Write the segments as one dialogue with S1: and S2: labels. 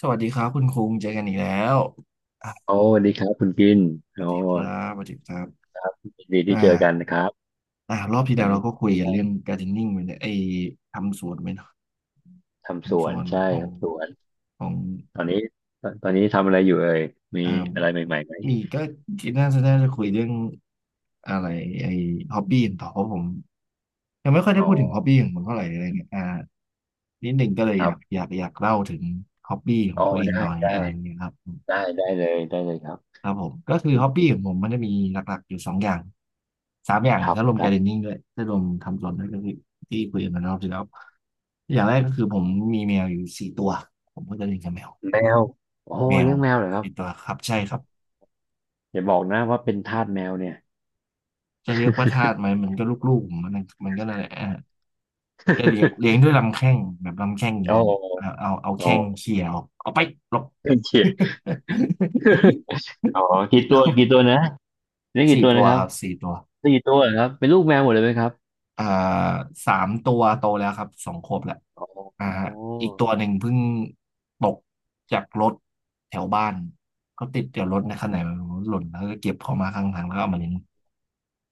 S1: สวัสดีครับคุณคุงเจอกันอีกแล้วอ่ะ
S2: โอ้สวัสดีครับคุณกิน
S1: ส
S2: โอ้
S1: วัสดีครับสวัสดีครับ
S2: ยินดี
S1: อ่
S2: ที่เจอกัน
S1: า
S2: นะครับ
S1: รอบที่
S2: วั
S1: แล้
S2: น
S1: วเรา
S2: นี้
S1: ก็คุยกันเรื่องการทเดนนิ่งไปเนี่ยไอ้ทำสวนไปเนาะ
S2: ทำส
S1: ทำ
S2: ว
S1: ส
S2: น
S1: วน
S2: ใช่
S1: ของ
S2: ทำสวน
S1: ของ
S2: ตอนนี้ตอนนี้ทำอะไรอยู่เอ่ยมี
S1: อ่า
S2: อะไรใหม่ๆไหม
S1: มีคิดน่าจะคุยเรื่องอะไรไอ้ฮ็อบบี้ต่อเพราะผมยังไม่ค่อยได้
S2: อ๋อ
S1: พูดถึงฮ็อบบี้ของผมเท่าไหร่อะไรเงี้ยนิดหนึ่งก็เลย
S2: ค
S1: อ
S2: รับ
S1: ยากอยากอยากเล่าถึงฮ็อบบี้ขอ
S2: อ๋
S1: ง
S2: อ
S1: ตัวเอง
S2: ได้
S1: หน่อย
S2: ได้
S1: อะไรอย่างเงี้ยครับ
S2: ได้ได้เลยครับ
S1: ครับผมก็
S2: อัน
S1: คือ
S2: นี้
S1: ฮ็อบบี้ของผมมันจะมีหลักๆอยู่สองอย่างสามอย่าง
S2: ค
S1: เลย
S2: รับ
S1: ถ้ารวม
S2: ได้
S1: การ์เดนนิ่งด้วยถ้ารวมทำสวนด้วยก็คือที่คุยกันมารอบที่แล้วอย่างแรกก็คือผมมีแมวอยู่สี่ตัวผมก็จะเลี้ยงกับแมว
S2: แมวโอ้
S1: แมว
S2: เลี้ยงแมวเหรอครับ
S1: สี่ตัวครับใช่ครับ
S2: อย่าบอกนะว่าเป็นทาสแมวเนี่ย
S1: จะเรียกว่าทาสไหมมันก็ลูกๆผมมันก็นั่นแหละก็เลี้ยง ด้วยลำแข้งแบบลำแข้ง
S2: โอ
S1: นี้เอา
S2: ้
S1: เอาเอา
S2: โอ้
S1: แข้งเขี่ยออกเอาไปหลบ
S2: เฉียด อ๋อ กี่
S1: อีก
S2: ตั
S1: แล้
S2: ว
S1: ว
S2: กี่ตัวนะเลี้ยงกี่
S1: สี่
S2: ตัว
S1: ตั
S2: นะ
S1: ว
S2: ครั
S1: ค
S2: บ
S1: รับสี่ตัว
S2: ไ้กี่ตัวเหรอครับเป็นลูกแมวหมดเลยไหมครับ
S1: อ่าสามตัวโตแล้วครับสองขวบแล้วอ่า
S2: อ๋อ
S1: ฮะอีกตั
S2: อ
S1: วหนึ่งเพิ่งตกจากรถแถวบ้านเขาติดเดี๋ยว
S2: ๋
S1: ร
S2: อ
S1: ถในขณะไหนไม่รู้หล่นแล้วก็เก็บเขามาข้างทางแล้วก็เอามาเลี้ยง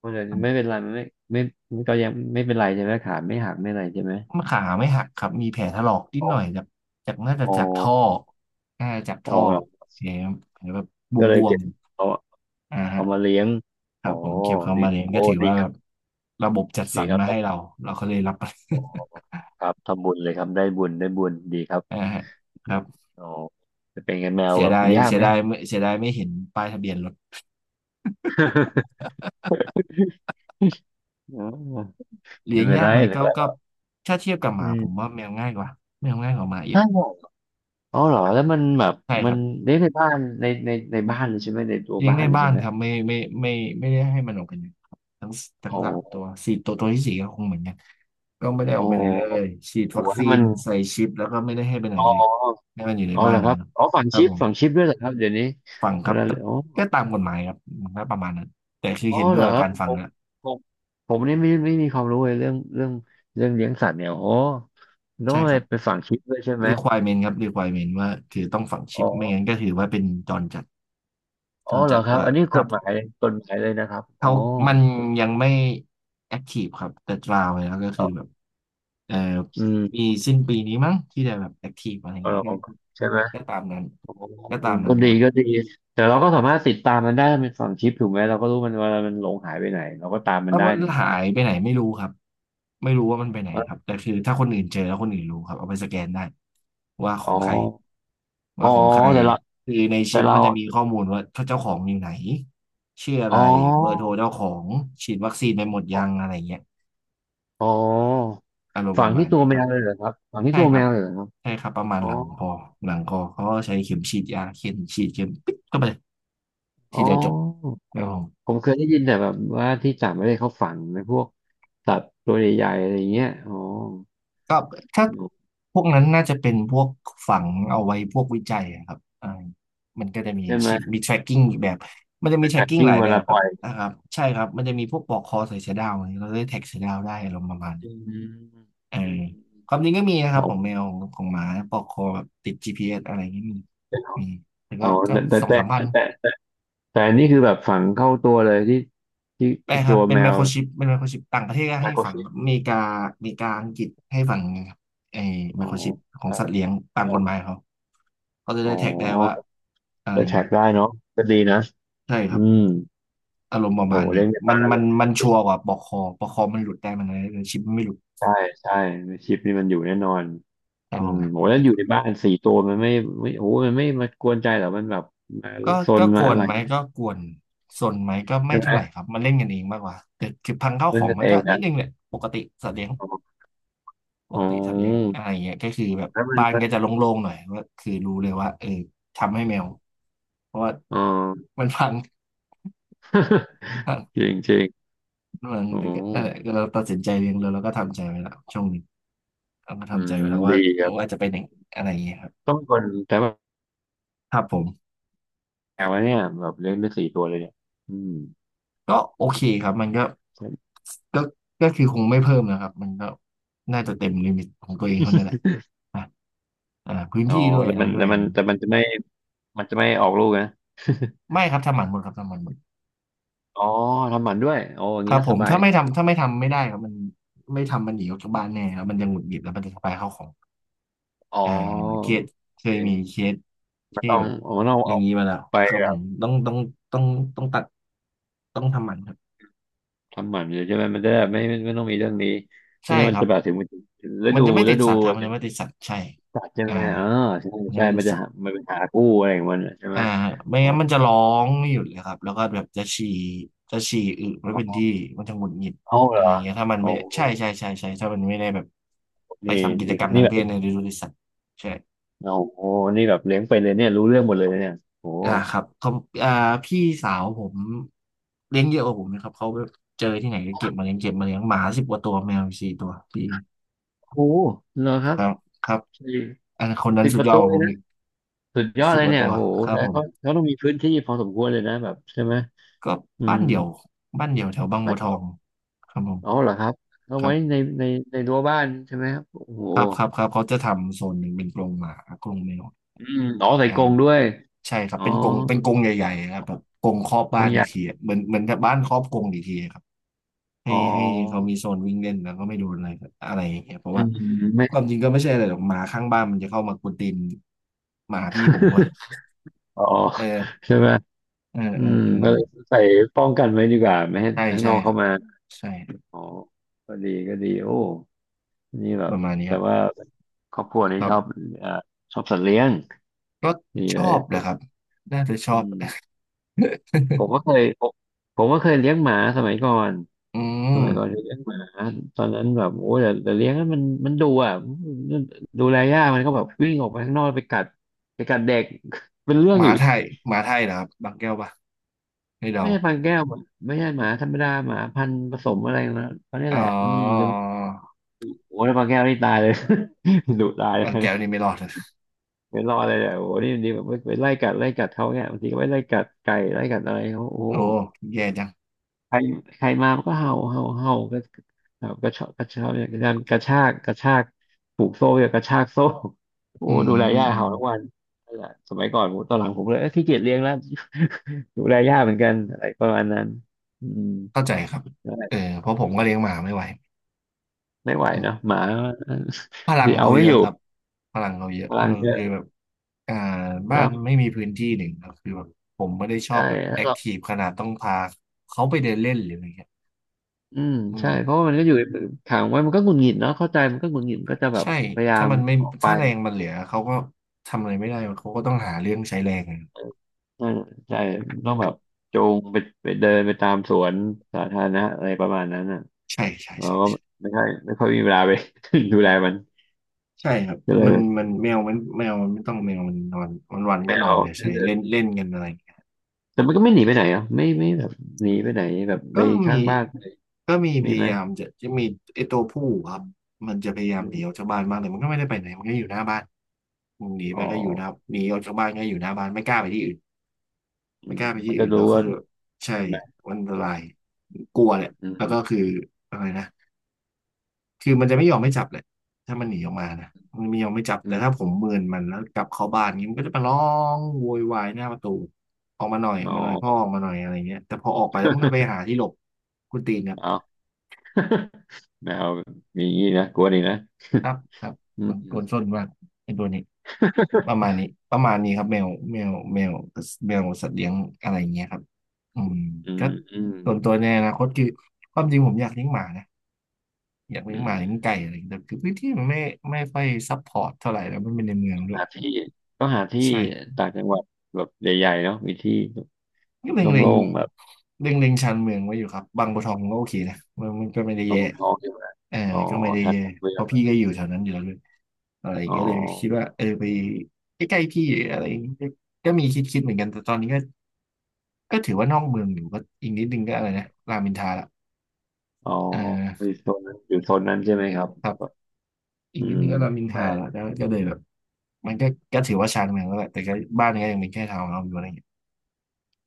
S2: มันจะไม่เป็นไรมันไม่ไม่ไมัก็ยังไม่เป็นไรใช่ไหมขาไม่หักไม่อะไรใช่ไหม
S1: มันขาไม่หักครับมีแผลถลอกนิด
S2: อ๋
S1: ห
S2: อ
S1: น่อยจากจากน่าจะ
S2: อ๋
S1: จากท่อ
S2: อ
S1: น่าจะจาก
S2: อ๋อ
S1: ท่อ
S2: ครับ
S1: แผลแผลแบบ
S2: ก็เล
S1: บ
S2: ย
S1: ว
S2: เก็
S1: ม
S2: บเอา
S1: ๆอ่าฮะ
S2: เอามาเลี้ยง
S1: ค
S2: อ๋
S1: รั
S2: อ
S1: บผมเก็บเขา
S2: ดี
S1: มาเลี้ยง
S2: โอ้
S1: ก็ถือ
S2: ดี
S1: ว่า
S2: ค
S1: แบ
S2: รับ
S1: บระบบจัดส
S2: ดี
S1: รร
S2: ครับ
S1: มา
S2: ครั
S1: ให้เรา
S2: บ
S1: เราก็เลยรับ
S2: อ๋อครับทำบุญเลยครับได้บุญได้บุญดีครับ
S1: อ่า ฮะครับ
S2: อ๋อเป็นไงแมว
S1: เสีย
S2: แบบ
S1: ดาย
S2: ยาก
S1: เสีย
S2: ไหม
S1: ดา ยไม่เสียดายไม่เห็นป้ายทะเบียนรถ
S2: อ๋อ
S1: เลี้
S2: ไม่
S1: ยง
S2: เป็น
S1: ยา
S2: ไร
S1: กไหม
S2: หรือ
S1: ก็
S2: ว่า
S1: ถ้าเทียบกับห
S2: อื
S1: มา
S2: ม
S1: ผมว่าแมวง่ายกว่าแมวง่ายกว่าหมาเยอะ
S2: ถ้าบอกอ๋อเหรอแล้วมันแบบ
S1: ใช่ค
S2: มั
S1: รั
S2: น
S1: บ
S2: เลี้ยงในบ้านในบ้านเลยใช่ไหมในตัว
S1: เลี้ยง
S2: บ้าน
S1: ใน
S2: เลย
S1: บ้า
S2: ใช่
S1: น
S2: ไหม
S1: ครับไม่ไม่ได้ให้มันออกไปไหนครับทั้งทั้ง
S2: อ๋
S1: สามตั
S2: อ
S1: วสี่ตัวตัวที่สี่ก็คงเหมือนกันก็ไม่ได้
S2: อ๋
S1: อ
S2: อ
S1: อกไปไหนเลยฉีด
S2: โอ้
S1: วั
S2: โห
S1: ค
S2: แล้
S1: ซี
S2: วมั
S1: น
S2: น
S1: ใส่ชิปแล้วก็ไม่ได้ให้ไปไหน
S2: อ๋อ
S1: เลยให้มันอยู่ใน
S2: อ๋อ
S1: บ้า
S2: เหร
S1: น
S2: อครั
S1: เนี่ย
S2: บ
S1: ครับ
S2: อ๋อฝัง
S1: ครั
S2: ชิ
S1: บ
S2: ป
S1: ผ
S2: ฝัง
S1: ม
S2: ชิปด้วยเหรอครับเดี๋ยวนี้
S1: ฟังค
S2: เว
S1: รับ
S2: ลา
S1: แต่
S2: อ๋อ
S1: ก็ตามกฎหมายครับมันก็ประมาณนั้นแต่คือ
S2: อ๋อ
S1: เห็นด้
S2: เหร
S1: วย
S2: อ
S1: กับ
S2: ครับ
S1: การฟังแล้ว
S2: ผมผมนี่ไม่มีความรู้เลยเรื่องเลี้ยงสัตว์เนี่ยโอ้ต้อ
S1: ใช่
S2: งไป
S1: ครับ
S2: ไปฝังชิปด้วยใช่ไหม
S1: requirement ครับ requirement ว่าคือต้องฝัง
S2: อ๋
S1: ชิปไม่งั้
S2: อ
S1: นก็ถือว่าเป็นจรจัด
S2: อ๋
S1: จ
S2: อ
S1: ร
S2: เหรอ
S1: จัด
S2: ครับ
S1: ว่า
S2: อันนี้
S1: ค
S2: ก
S1: รั
S2: ฎ
S1: บ
S2: หมายกฎหมายเลยนะครับ อ๋อ
S1: เขามันยังไม่ active ครับแต่ราวแล้วก็
S2: อ๋
S1: คือแบ
S2: อ
S1: บเอ่อ
S2: อืม
S1: มีสิ้นปีนี้มั้งที่จะแบบ active อะไรอย่า
S2: เอ
S1: ง
S2: อ
S1: เงี้ยก็
S2: ใช่ไหม
S1: ก็ตามนั้น
S2: อ๋อ
S1: ก็ตามนั้
S2: ก็
S1: น
S2: ดี
S1: ครับ
S2: ก็ดีแต่เราก็สามารถติดตามมันได้เป็นฝังชิปถูกไหมเราก็รู้มันเวลามันหลงหายไปไหนเราก็ตามมั
S1: แล้
S2: น
S1: ว
S2: ได้
S1: มัน
S2: ถูกไหม
S1: หา
S2: ครับ
S1: ยไปไหนไม่รู้ครับไม่รู้ว่ามันไปไหนครับแต่คือถ้าคนอื่นเจอแล้วคนอื่นรู้ครับเอาไปสแกนได้ว่าข
S2: อ๋อ
S1: องใคร
S2: อ๋อ
S1: ว่าของใคร
S2: แต่เรา
S1: คือใน
S2: แต่
S1: ชิป
S2: เรา
S1: มันจะมีข้อมูลว่าเจ้าของอยู่ไหนชื่ออะ
S2: อ๋
S1: ไรเบอร์โทร
S2: อ
S1: เจ้าของฉีดวัคซีนไปหมดยังอะไรเงี้ย
S2: อ๋อ
S1: อารมณ์
S2: ฝั
S1: ป
S2: ง
S1: ระมา
S2: ที่
S1: ณ
S2: ตัว
S1: นี้
S2: แม
S1: ครับ
S2: วเลยเหรอครับฝังที่
S1: ใช่
S2: ตัว
S1: ค
S2: แม
S1: รับ
S2: วเลยเหรอครับ
S1: ใช่ครับประมาณ
S2: อ๋อ
S1: หลังคอหลังคอเขาก็ใช้เข็มฉีดยาเข็มฉีดเข็มปิ๊บเข้าไปล
S2: อ๋
S1: ที
S2: อ
S1: เดียวจบครับผม
S2: ผมเคยได้ยินแต่แบบว่าที่ต่างประเทศเขาฝังในพวกสัตว์ตัวใหญ่ๆอะไรเงี้ยอ๋อ
S1: ก็ถ้าพวกนั้นน่าจะเป็นพวกฝังเอาไว้พวกวิจัยอะครับมันก็จะมี
S2: ใช่ไหม
S1: ชิปมี tracking อีกแบบมันจะ
S2: ไป
S1: มี
S2: ขัด
S1: tracking
S2: กิ้
S1: ห
S2: ง
S1: ลาย
S2: เว
S1: แบ
S2: ลา
S1: บค
S2: ป
S1: รั
S2: ล่
S1: บ
S2: อย
S1: นะครับใช่ครับมันจะมีพวกปลอกคอใส่เสือดาวอะไรเราได้แท็กเสือดาวได้อารมณ์ประมาณ
S2: อื
S1: นี้
S2: ม
S1: เออ
S2: อืม
S1: ความจริงก็มีนะครั
S2: อ๋
S1: บของ
S2: อ
S1: แมวของหมาปลอกคอแบบติด GPS อสอะไรอย่างนี้มีมีแต่
S2: อ๋
S1: ก็
S2: อ
S1: ก็
S2: แต่แต่
S1: สอง
S2: แต่
S1: สามพั
S2: แต่
S1: น
S2: แต่แต่แต่อันนี่คือแบบฝังเข้าตัวเลยที่ที่
S1: แปล
S2: ที่
S1: ค
S2: ตั
S1: รับ
S2: ว
S1: เป็
S2: แม
S1: นไม
S2: ว
S1: โครชิปเป็นไมโครชิปต่างประเทศก็
S2: ไม
S1: ให้
S2: โคร
S1: ฝัง
S2: ชิป
S1: อเมริกาอเมริกาอังกฤษให้ฝังไอ้
S2: อ๋
S1: ไม
S2: อ
S1: โครชิปของ
S2: ใช่
S1: สัตว์เลี้ยงตาม
S2: อ๋
S1: กฎหมา
S2: อ
S1: ยเขา กาจะ
S2: อ๋
S1: ได้
S2: อ
S1: แท็กได้ว่าอะไร
S2: จะ
S1: อย่าง
S2: แท็ก
S1: นี้
S2: ได้เนาะก็ดีนะ
S1: ใช่ค
S2: อื
S1: รับ
S2: ม
S1: อารมณ์ประ
S2: โห
S1: มาณ
S2: เลี้
S1: นี้
S2: ยงใน
S1: มั
S2: บ้า
S1: น
S2: น
S1: มั
S2: เล
S1: น
S2: ย
S1: มันชัวร์กว่าปอกคอปอกคอมันหลุดได้มันอะไรแต่ชิปมันไม่หลุด
S2: ใช่ใช่ชิปนี่มันอยู่แน่นอน
S1: ครับ
S2: อื
S1: ผ
S2: มโห
S1: ม
S2: แล้วอยู่ในบ้านสี่ตัวมันไม่โอ้มันไม่มากวนใจเหรอมันแบบมา
S1: ก็
S2: ซน
S1: ก็ก
S2: มา
S1: ว
S2: อะ
S1: น
S2: ไร
S1: ไหมก็กวนส่วนไหมก็ไม่
S2: ใช่ไหม
S1: เท่าไหร่ครับมันเล่นกันเองมากกว่าแต่คือพังข้าวข
S2: เล่น
S1: อง
S2: กั
S1: ไห
S2: น
S1: ม
S2: เอ
S1: ก็
S2: ง
S1: นิ
S2: นะ
S1: ดนึงแหละปกติสัตว์เลี้ยง
S2: อ๋อ
S1: ป
S2: อ๋อ
S1: กติสัตว์เลี้ยงอะไรอย่างเงี้ยก็คือแบบ
S2: แล้วมัน
S1: บ้าน
S2: ม
S1: ก็จะโล่งๆหน่อยว่าคือรู้เลยว่าเออทำให้แมวเพราะว่า
S2: อ๋อ
S1: มันพัง
S2: จริงจริง
S1: มัน
S2: อ๋
S1: กเออ
S2: อ
S1: เราตัดสินใจเองเลยแล้วก็ทำใจไว้แล้วช่วงนี้ เอาก็
S2: อื
S1: ทำใจไว้
S2: ม
S1: แล้วว่า
S2: ดีครับ
S1: จะเป็นอย่างอะไรอย่างเงี้ยครับ
S2: ต้องคนแต่ว่า
S1: ครับผม
S2: แมวเนี่ยแบบเลี้ยงได้สี่ตัวเลยเนี่ยอืม
S1: ก็โอเคครับมันก็ก็ก็คือคงไม่เพิ่มนะครับมันก็น่าจะเต็มลิมิตของตัวเองเท่านั้นแหละนะพื้น
S2: อ๋อ
S1: ที่ด้วย
S2: แต่
S1: อะไร
S2: มัน
S1: ด้ว
S2: แต่
S1: ยอะ
S2: มั
S1: ไร
S2: น
S1: อย่าง
S2: แต่
S1: เงี้ย
S2: มันจะไม่มันจะไม่ออกลูกนะ
S1: ไม่ครับทำหมันหมดครับทำหมันหมด
S2: อ๋อทำหมันด้วยโอ้อย่าง
S1: ค
S2: นี้
S1: รับ
S2: ก็
S1: ผ
S2: ส
S1: ม
S2: บาย
S1: ถ้าไม่ทำไม่ได้ครับมันไม่ทำมันหนีออกจากบ้านแน่ครับมันจะหงุดหงิดแล้วมันจะทำลายข้าวของ
S2: อ๋อ
S1: อ่าเคสเค
S2: โอ
S1: ยมี
S2: เค
S1: เคส
S2: มัน
S1: ที่
S2: ต้อง
S1: แบบ
S2: มันต้อง
S1: อย่า
S2: เอา
S1: งนี้มาแล้ว
S2: ไป
S1: ครับผมต้องต้องต้องทำหมันครับ
S2: ทำหมันเลยใช่ไหมมันจะได้ไม่ต้องมีเรื่องนี้ไม่
S1: ใช่
S2: งั้นมั
S1: ค
S2: น
S1: รั
S2: จะ
S1: บ
S2: แบบถึงมันถึงฤ
S1: มั
S2: ดู
S1: นจะไม่
S2: ฤ
S1: ติด
S2: ดู
S1: สัตว์ครับ
S2: อะ
S1: มันจะ
S2: ไร
S1: ไม่ติดสัตว์ใช่
S2: สัตว์ใช่
S1: อ่า
S2: ไหมเออใช่
S1: มันจะ
S2: ใช่
S1: ไม่ติ
S2: มั
S1: ด
S2: นจะ
S1: สัต
S2: หา
S1: ว์
S2: มันเป็นหากู้อะไรของมันอะใช่ไหม
S1: อ่าไม่
S2: อ๋อ
S1: งั้นมันจะร้องไม่หยุดเลยครับแล้วก็แบบจะฉี่จะฉี่อึไม่
S2: อ๋
S1: เป็น
S2: อ
S1: ที่มันจะหงุดหงิด
S2: เอาเห
S1: อะ
S2: ร
S1: ไรอ
S2: อ
S1: ย่างเงี้ยถ้ามัน
S2: โอ้
S1: ไม่
S2: โห
S1: ใช่ใช่ใช่ใช่ถ้ามันไม่ได้แบบไป
S2: นี่
S1: ทำกิจ
S2: นี่
S1: กรรม
S2: นี่
S1: ทาง
S2: แบ
S1: เพศ
S2: บ
S1: ในฤดูที่สัตว์ใช่
S2: โอ้โหนี่แบบเลี้ยงไปเลยเนี่ยรู้เรื่องหมดเลยเนี่ยโอ้โห
S1: ครับเขาอ่าพี่สาวผมเลี้ยงเยอะกว่าผมนะครับเขาแบบเจอที่ไหนก็เก็บมาเลี้ยงเก็บมาเลี้ยงหมาสิบกว่าตัวแมวสี่ตัวพี่
S2: โอ้โหเหรอครั
S1: ค
S2: บ
S1: รับครับ
S2: สี่
S1: อันคนนั้
S2: สิ
S1: น
S2: บ
S1: สุ
S2: ป
S1: ด
S2: ระ
S1: ยอ
S2: ตู
S1: ดกว่า
S2: เล
S1: ผ
S2: ย
S1: ม
S2: นะ
S1: อีก
S2: สุดยอด
S1: สิบ
S2: เล
S1: ก
S2: ย
S1: ว่า
S2: เนี่ย
S1: ตัว
S2: โอ้โห
S1: ครับ
S2: แต่
S1: ผม
S2: เขาต้องมีพื้นที่พอสมควรเลยนะแบบใช่ไหม
S1: ก็
S2: อื
S1: บ้า
S2: ม
S1: นเดี่ยวบ้านเดี่ยวแถวบาง
S2: ไม่
S1: บัวท
S2: เดี๋
S1: อ
S2: ยว
S1: งครับผม
S2: อ๋อเหรอครับเอา
S1: ครั
S2: ไว้ใน
S1: บ
S2: ในในรั้วบ้านใช่ไหมครับโอ้โห
S1: ครับครับครับเขาจะทำโซนหนึ่งเป็นกรงหมากรงแมว
S2: อืมอ๋อใส่
S1: อ่า
S2: กรงด้วย
S1: ใช่ครับ
S2: อ๋อ
S1: เป็นกรงเป็นกรงใหญ่ๆครับแบบกรงครอบ
S2: กร
S1: บ้า
S2: ง
S1: น
S2: ให
S1: อีก
S2: ญ่
S1: ทีอะเหมือนเหมือนกับบ้านครอบกรงอีกทีอะครับให้
S2: อ๋อ
S1: ให้เขามีโซนวิ่งเล่นแล้วก็ไม่โดนอะไรอะไรอย่างเงี้ยเพราะ
S2: อื
S1: ว่า
S2: มไม่
S1: ความจริงก็ไม่ใช่อะไรหรอกหมาข้างบ้านมันจะเข้ามากวนตีนหมาพี่ผมบ่อย
S2: อ๋อ
S1: เออ
S2: ใช่ไหม
S1: เออ
S2: อื
S1: เอ
S2: ม
S1: อเออ
S2: ก็เลยใส่ป้องกันไว้ดีกว่าไม่ให้
S1: ใช่
S2: ข้าง
S1: ใช่
S2: นอก
S1: ค
S2: เข้า
S1: รับ
S2: มา
S1: ใช่
S2: อ๋อก็ดีก็ดีโอ้นี่แบ
S1: ป
S2: บ
S1: ระมาณนี้ค
S2: แต่
S1: รับ
S2: ว่าครอบครัวนี้
S1: ครั
S2: ชอบ
S1: บ
S2: เอ่อชอบสัตว์เลี้ยง
S1: ก็
S2: นี่
S1: ช
S2: เล
S1: อ
S2: ย
S1: บ
S2: ผ
S1: นะครับ
S2: ม
S1: น่าจะชอ
S2: อื
S1: บ
S2: มผมก็ เคยผมก็เคยเลี้ยงหมาสมัยก่อน
S1: อื
S2: สมั
S1: ม
S2: ยก่อนจะเลี้ยงหมาตอนนั้นแบบโอ้ยแต่เลี้ยงนั้นมันดูอ่ะดูแลยากมันก็แบบวิ่งออกไปข้างนอกไปกัดเด็ก เป็นเรื่อ
S1: ห
S2: ง
S1: มา
S2: อีก
S1: ไทยหมาไทยนะครับ บางแก้วปะให่เดา
S2: ไม่ใช่พันแก้วอะไม่ใช่หมาธรรมดาหมาพันธุ์ผสมอะไรนะเขาเนี่ย
S1: อ๋
S2: แห
S1: อ
S2: ละอืมแต่โอ้ยแล้วพันแก้วนี่ตายเลย ดุตายเล
S1: บางแก้ว
S2: ย
S1: นี่ไม่รอดเลย
S2: ไม่รอดเลยเนี่ยโอ้โหนี่มันดีแบบไปไล่กัดเขาเนี่ยบางทีก็ไปไล่กัดไก่ไล่กัดอะไรเขาโอ้โห
S1: โอ้แย่จัง
S2: ใครมามันก็เห่าเห่าก็แบบกระชากเนี่างกันกระชากผูกโซ่เนีกระชากโซ่โอ้
S1: อืม
S2: ดูแลย่า
S1: อืม
S2: เห่าทุกวันนั่นแหละสมัยก่อนผมตอนหลังผมเลยเอ้ยขี้เกียจเลี้ยงแล้ว ดูแลย่าเหมือนกันอะไรประมาณนั้นอืม
S1: เข้าใจครับ
S2: นั่นแหละ
S1: เออเพราะผ
S2: อื
S1: มก็เลี้ยงห
S2: ม
S1: มาไม่ไหว
S2: ไม่ไหว
S1: อืม
S2: เนาะหมา
S1: พ ลั
S2: สิ
S1: ง
S2: เอา
S1: เขา
S2: ไม่
S1: เย
S2: อ
S1: อะ
S2: ยู่
S1: ครับ พลังเขาเยอะ
S2: พ
S1: เออ
S2: ลังเยอะ
S1: คือแบบอ่า
S2: แล้
S1: บ้าน
S2: ว
S1: ไม่มีพื้นที่หนึ่งครับคือแบบผมไม่ได้ชอ
S2: ใช่
S1: บแบบ
S2: แล้
S1: แอ
S2: ว
S1: ค
S2: ก็
S1: ทีฟขนาดต้องพาเขาไปเดินเล่นหรืออะไรเงี้ย
S2: อืม
S1: อื
S2: ใช่
S1: ม
S2: เพราะว่ามันก็อยู่ในขังไว้มันก็หงุดหงิดเนาะเข้าใจมันก็หงุดหงิดมันก็จะแบบ
S1: ใช่
S2: พยายา
S1: ถ้า
S2: ม
S1: มันไม่
S2: ออกไป
S1: ถ้าแรงมันเหลือเขาก็ทำอะไรไม่ได้เขาก็ต้องหาเรื่องใช้แรงอะ
S2: ใช่าใช่ต้องแบบจูงไปไปเดินไปตามสวนสาธารณะอะไรประมาณนั้นอ่ะ
S1: ใช่ใช่
S2: เรา
S1: ใช่
S2: ก็
S1: ใช่
S2: ไม่ค่อยไม่ค่อยมีเวลาไป ดูแลมัน
S1: ใช่ครับ
S2: ก็เล
S1: มั
S2: ย
S1: นมันแมวแมวมันไม่ต้องแมวมันนอนวันวัน
S2: ไม่
S1: ก็นอ
S2: เอา
S1: นเลยใช่เล่นเล่นกันอะไรอย่างเงี้ย
S2: แต่มันก็ไม่หนีไปไหนอ่ะไม่ไม่แบบหนีไปไหนแบบไป
S1: ก็
S2: ข้า
S1: มี
S2: งบ้าน
S1: ก็มีพ
S2: มีไหม
S1: ยายามจะมีไอ้ตัวผู้ครับ มันจะพยายา
S2: อื
S1: มหนีออ
S2: ม
S1: กจากบ้านมากแต่มันก็ไม่ได้ไปไหนมันก็อยู่หน้าบ้านมึงหนี
S2: อ๋อ
S1: ไปก็อยู่หน้าหนีออกจากบ้านก็อยู่หน้าบ้านไม่กล้าไปที่อื่น
S2: อื
S1: ไม่
S2: ม
S1: กล้าไป
S2: มั
S1: ที่
S2: นก็
S1: อื่น
S2: รู้
S1: แล้ว
S2: ว่า
S1: คือใช่
S2: ทำไม
S1: มันอันตรายกลัวแหละ
S2: อื
S1: แล้วก็
S2: ม
S1: คืออะไรนะ คือมันจะไม่ยอมไม่จับเลยถ้ามันหนีออกมานะมันไม่ยอมไม่จับ
S2: อื
S1: แต่ถ้าผ
S2: ม
S1: มเมินมันแล้วกลับเข้าบ้านนี้มันก็จะมาร้องโวยวายหน้าประตูออกมาหน่อยออ
S2: อ๋
S1: ก
S2: อ
S1: มาหน่อยพ่อออกมาหน่อยอะไรเงี้ยแต่พอออกไปแล้วมันก็ไป หาที่หลบคุณตีนครับ
S2: เอา แมวมีอย่างนี้นะกลัวนี่นะ
S1: ครับครับ
S2: อื
S1: กนค
S2: ม
S1: นส้นมากไอ้ตัวนี้ประมาณนี้ประมาณนี้ครับแมวแมวแมวสัตว์เลี้ยงอะไรเงี้ยครับอืม
S2: อื
S1: ก็
S2: มอืม
S1: ส่วนตัวในอนาคตคือความจริงผมอยากเลี้ยงหมานะอยากเลี้ย
S2: อื
S1: งหมา
S2: ม
S1: เลี้ยงไก่อะไรอย่างเงี้ยแต่คือพื้นที่มันไม่ไม่ค่อยซัพพอร์ตเท่าไหร่แล้วมันเป็นในเมืองด้วย
S2: หาที่ก็หาที่
S1: ใช่
S2: ต่างจังหวัดแบบใหญ่ๆเนาะมีที่
S1: ก็เล็งเล็ง
S2: โล่งๆแบบ
S1: เล็งเล็งชานเมืองไว้อยู่ครับบางบัวทองก็โอเคนะมันมันก็ไม่ได้
S2: ตร
S1: แย่
S2: งท้องใช่ไหม
S1: เออ
S2: อ๋อ
S1: ก็ไม่ได้
S2: ชาน
S1: แย่
S2: หลักเมื
S1: เพ
S2: อง
S1: ราะ
S2: เรอ
S1: พี่ก็อยู่แถวนั้นอยู่แล้วด้วยอะไรอย่า
S2: ๋อ
S1: งเงี้ยเลยคิดว่าเออไปใกล้ๆพี่อะไรอย่างเงี้ยก็มีคิดเหมือนกันแต่ตอนนี้ก็ก็ถือว่านอกเมืองอยู่ก็อีกนิดนึงก็อะไรนะรามอินทราละ
S2: อ๋อ
S1: เอ
S2: อ
S1: อ
S2: ยู่โซนนั้นอยู่โซนนั้นใช่ไหมครับ
S1: ครับอี
S2: อื
S1: กนิด
S2: ม
S1: นึงก็รามอินทรา
S2: ใช่
S1: ละก็ก็เลยแบบมันก็ก็ถือว่าชานเมืองแล้วแหละแต่ก็บ้านก็ยังเป็นแค่ทาวน์เฮาส์อยู่อะไรอย่างเงี้ย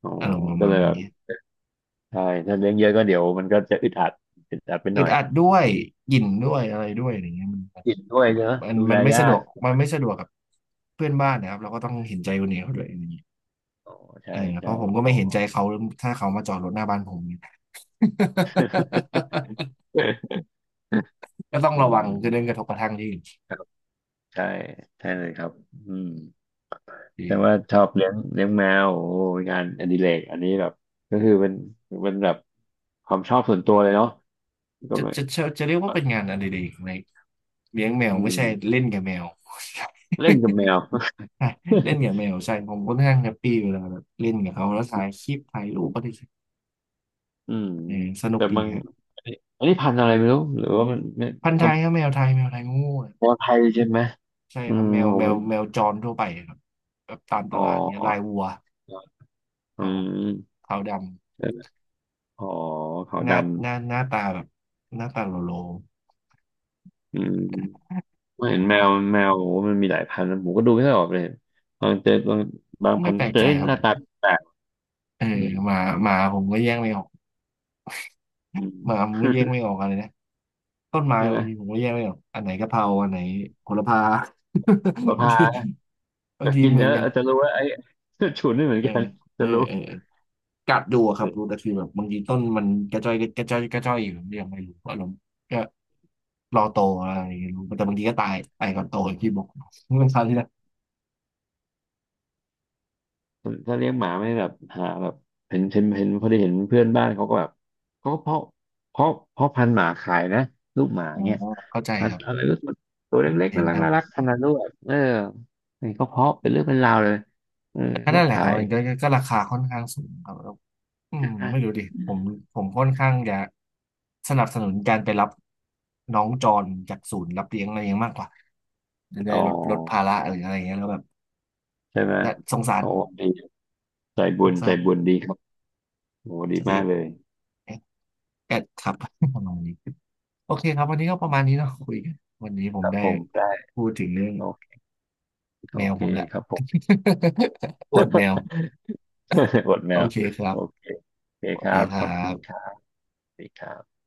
S2: อ๋อ
S1: อารมณ์ประ
S2: ก็
S1: มา
S2: เล
S1: ณ
S2: ยแบบ
S1: นี้
S2: ใช่ถ้าเลี้ยงเยอะก็เดี๋ยวมันก็จะอึดอัดอึดอัดไปห
S1: อึ
S2: น่
S1: ด
S2: อย
S1: อัดด้วยกลิ่นด้วยอะไรด้วยอย่างเงี้ย
S2: กินด้วยเนอะ
S1: มัน
S2: ดู
S1: มัน
S2: แล
S1: มันไม่
S2: ยา
S1: สะด
S2: ก
S1: วกมันไม่สะดวกกับเพื่อนบ้านนะครับเราก็ต้องเห็นใจคนอื่นี้เขาด้วยอย่างเงี้ย
S2: อ๋อ
S1: เอ
S2: ใช่
S1: อเพ
S2: ใช่
S1: ราะผมก็
S2: อ๋อ
S1: ไม่เห็นใจเขาถ้าเขามาจอดรถหน้าบ้านผมเนี่ย ก็ต้อ ง
S2: อื
S1: ระวังจะเรื่องกระทบ
S2: ม
S1: กระทั่งที่อื่น
S2: ครับใช่ใช่เลยครับอืม
S1: ดี
S2: แต่ว่าชอบเลี้ยงเลี้ยงแมวโอ้ยงานอดิเรกอันนี้แบบก็คือเป็นเป็นแบบความชอบส่วนตัวเลยเนาะก็
S1: จะ
S2: ไม่
S1: จะจะจะเรียกว่าเป็นงานอะไรดีในเลี้ยงแมว
S2: อื
S1: ไม่ใช่
S2: ม
S1: เล่นกับแมว
S2: เล่นกับแมว
S1: ใช่เล่นกับแมวใช่ผมก็ค่อนข้างแฮปปี้เวลาแบบเล่นกับเขาแล้วถ่าย คลิปถ่ายรูปก็ได้
S2: อืม
S1: เออสนุก
S2: แต่
S1: ดี
S2: บาง
S1: ครับ
S2: อันนี้อันนี้พันธุ์อะไรไม่รู้หรือว่ามันไม่
S1: พันธุ์ไท
S2: ก็
S1: ยครับแมวไทยแมวไทยงูอะ
S2: แมวไทยใช่ไหม
S1: ใช่
S2: อื
S1: ครับ
S2: ม
S1: แมว
S2: ผม
S1: แมว
S2: เห็น
S1: แมวจรทั่วไปครับแบบตามต
S2: อ๋
S1: ลาดเนี้ยลาย
S2: อ
S1: วัวค
S2: อื
S1: รับผม
S2: ม
S1: ขาวด
S2: อ๋อขาว
S1: ำ
S2: ดำ
S1: หน้าตาแบบหน้าตาโลโล
S2: อืมผม
S1: ค
S2: เห็
S1: รั
S2: นแม
S1: บ
S2: วแมวโอ้มันมีหลายพันธุ์ผมก็ดูไม่ค่อยออกเลยบางเจอบางบาง
S1: ไม่
S2: พันธุ์
S1: แปลก
S2: เจอ
S1: ใจ
S2: เอ้ย
S1: ครั
S2: ห
S1: บ
S2: น้าตาแปลก
S1: เออ
S2: อืม
S1: หมาหมาผมก็แยกไม่ออก
S2: อื
S1: หมา
S2: ม
S1: ผมก็แยกไม่ออกอะไรนะต้นไม้
S2: ใช่ไห
S1: บา
S2: ม
S1: งทีผมก็แยกไม่ออกอันไหนกะเพราอันไหนโหระพา
S2: ประ
S1: บางที
S2: ภา
S1: บาง
S2: จะ
S1: ที
S2: กิน
S1: เหมือ
S2: แล้
S1: น
S2: ว
S1: กัน
S2: อาจจะรู้ว่าไอ้ ฉุนไม่เหมือน
S1: เออ
S2: กันจะรู้
S1: เออกัดดูอะค
S2: เล
S1: รับรู้
S2: ย
S1: แต่คือแบบบางทีต้นมันกระจ้อยอยู่ผมยังไม่รู้อารมณ์ รอโตอะไรอย่างเงี้ยรู้แต่บางทีก็ตายตายก่อนโตอย่างที่บอก มันคราวที่แล้ว
S2: ถ้าเลี้ยงหมาไม่แบบหาแบบเห็นเห็นเห็นพอดีเห็นเพื่อนบ้านเขาก็แบบเขาก็เพาะเพาะพันธุ์หมาขายนะลูกหมา
S1: อ๋อ
S2: เนี่ย
S1: เข้าใจ
S2: พัน
S1: ครั
S2: ธุ์
S1: บ
S2: อะไรก็ตัวเล็กๆ
S1: เห็
S2: น่า
S1: น
S2: รัก
S1: ครับ
S2: น่ารักพันธุ์ลูกแบบเออนี่ก็เพาะเป็นเรื่องเป็นราวเลยเออ
S1: ก็
S2: ก็
S1: นั่นแหละค
S2: ขา
S1: รับ
S2: ย
S1: มันก็ราคาค่อนข้างสูงครับแล้วอื
S2: ใช่
S1: ม
S2: ไหม
S1: ไม่รู้ดิผมผมค่อนข้างจะสนับสนุนการไปรับน้องจรจากศูนย์รับเลี้ยงอะไรอย่างเงี้ยมากกว่าจะได้
S2: อ๋อ
S1: ลดลดภาระหรืออะไรอย่างเงี้ยแล้วแบบ
S2: ใช่ไหม
S1: และสงสาร
S2: โอ้ดีใจบุ
S1: ส
S2: ญ
S1: ง
S2: ใจ
S1: สาร
S2: บุญดีครับโอ้ดี
S1: สติ
S2: มากเลย
S1: แอดแอดครับ ประมาณนี้โอเคครับวันนี้ก็ประมาณนี้เนาะคุยกันวันนี้ผ
S2: ค
S1: ม
S2: รับ
S1: ได้
S2: ผมได้
S1: พูดถึงเรื่อง
S2: โอเคโอ
S1: แมว
S2: เค
S1: ผมแหละ
S2: ครับผม
S1: อวดแมว
S2: อดแม
S1: โอ
S2: ว
S1: เคครั
S2: โอ
S1: บ
S2: เคโอเค
S1: ส
S2: ค
S1: วัส
S2: รั
S1: ดี
S2: บ
S1: ค
S2: ข
S1: รั
S2: อบคุณครั
S1: บ
S2: บสวัสดีครับ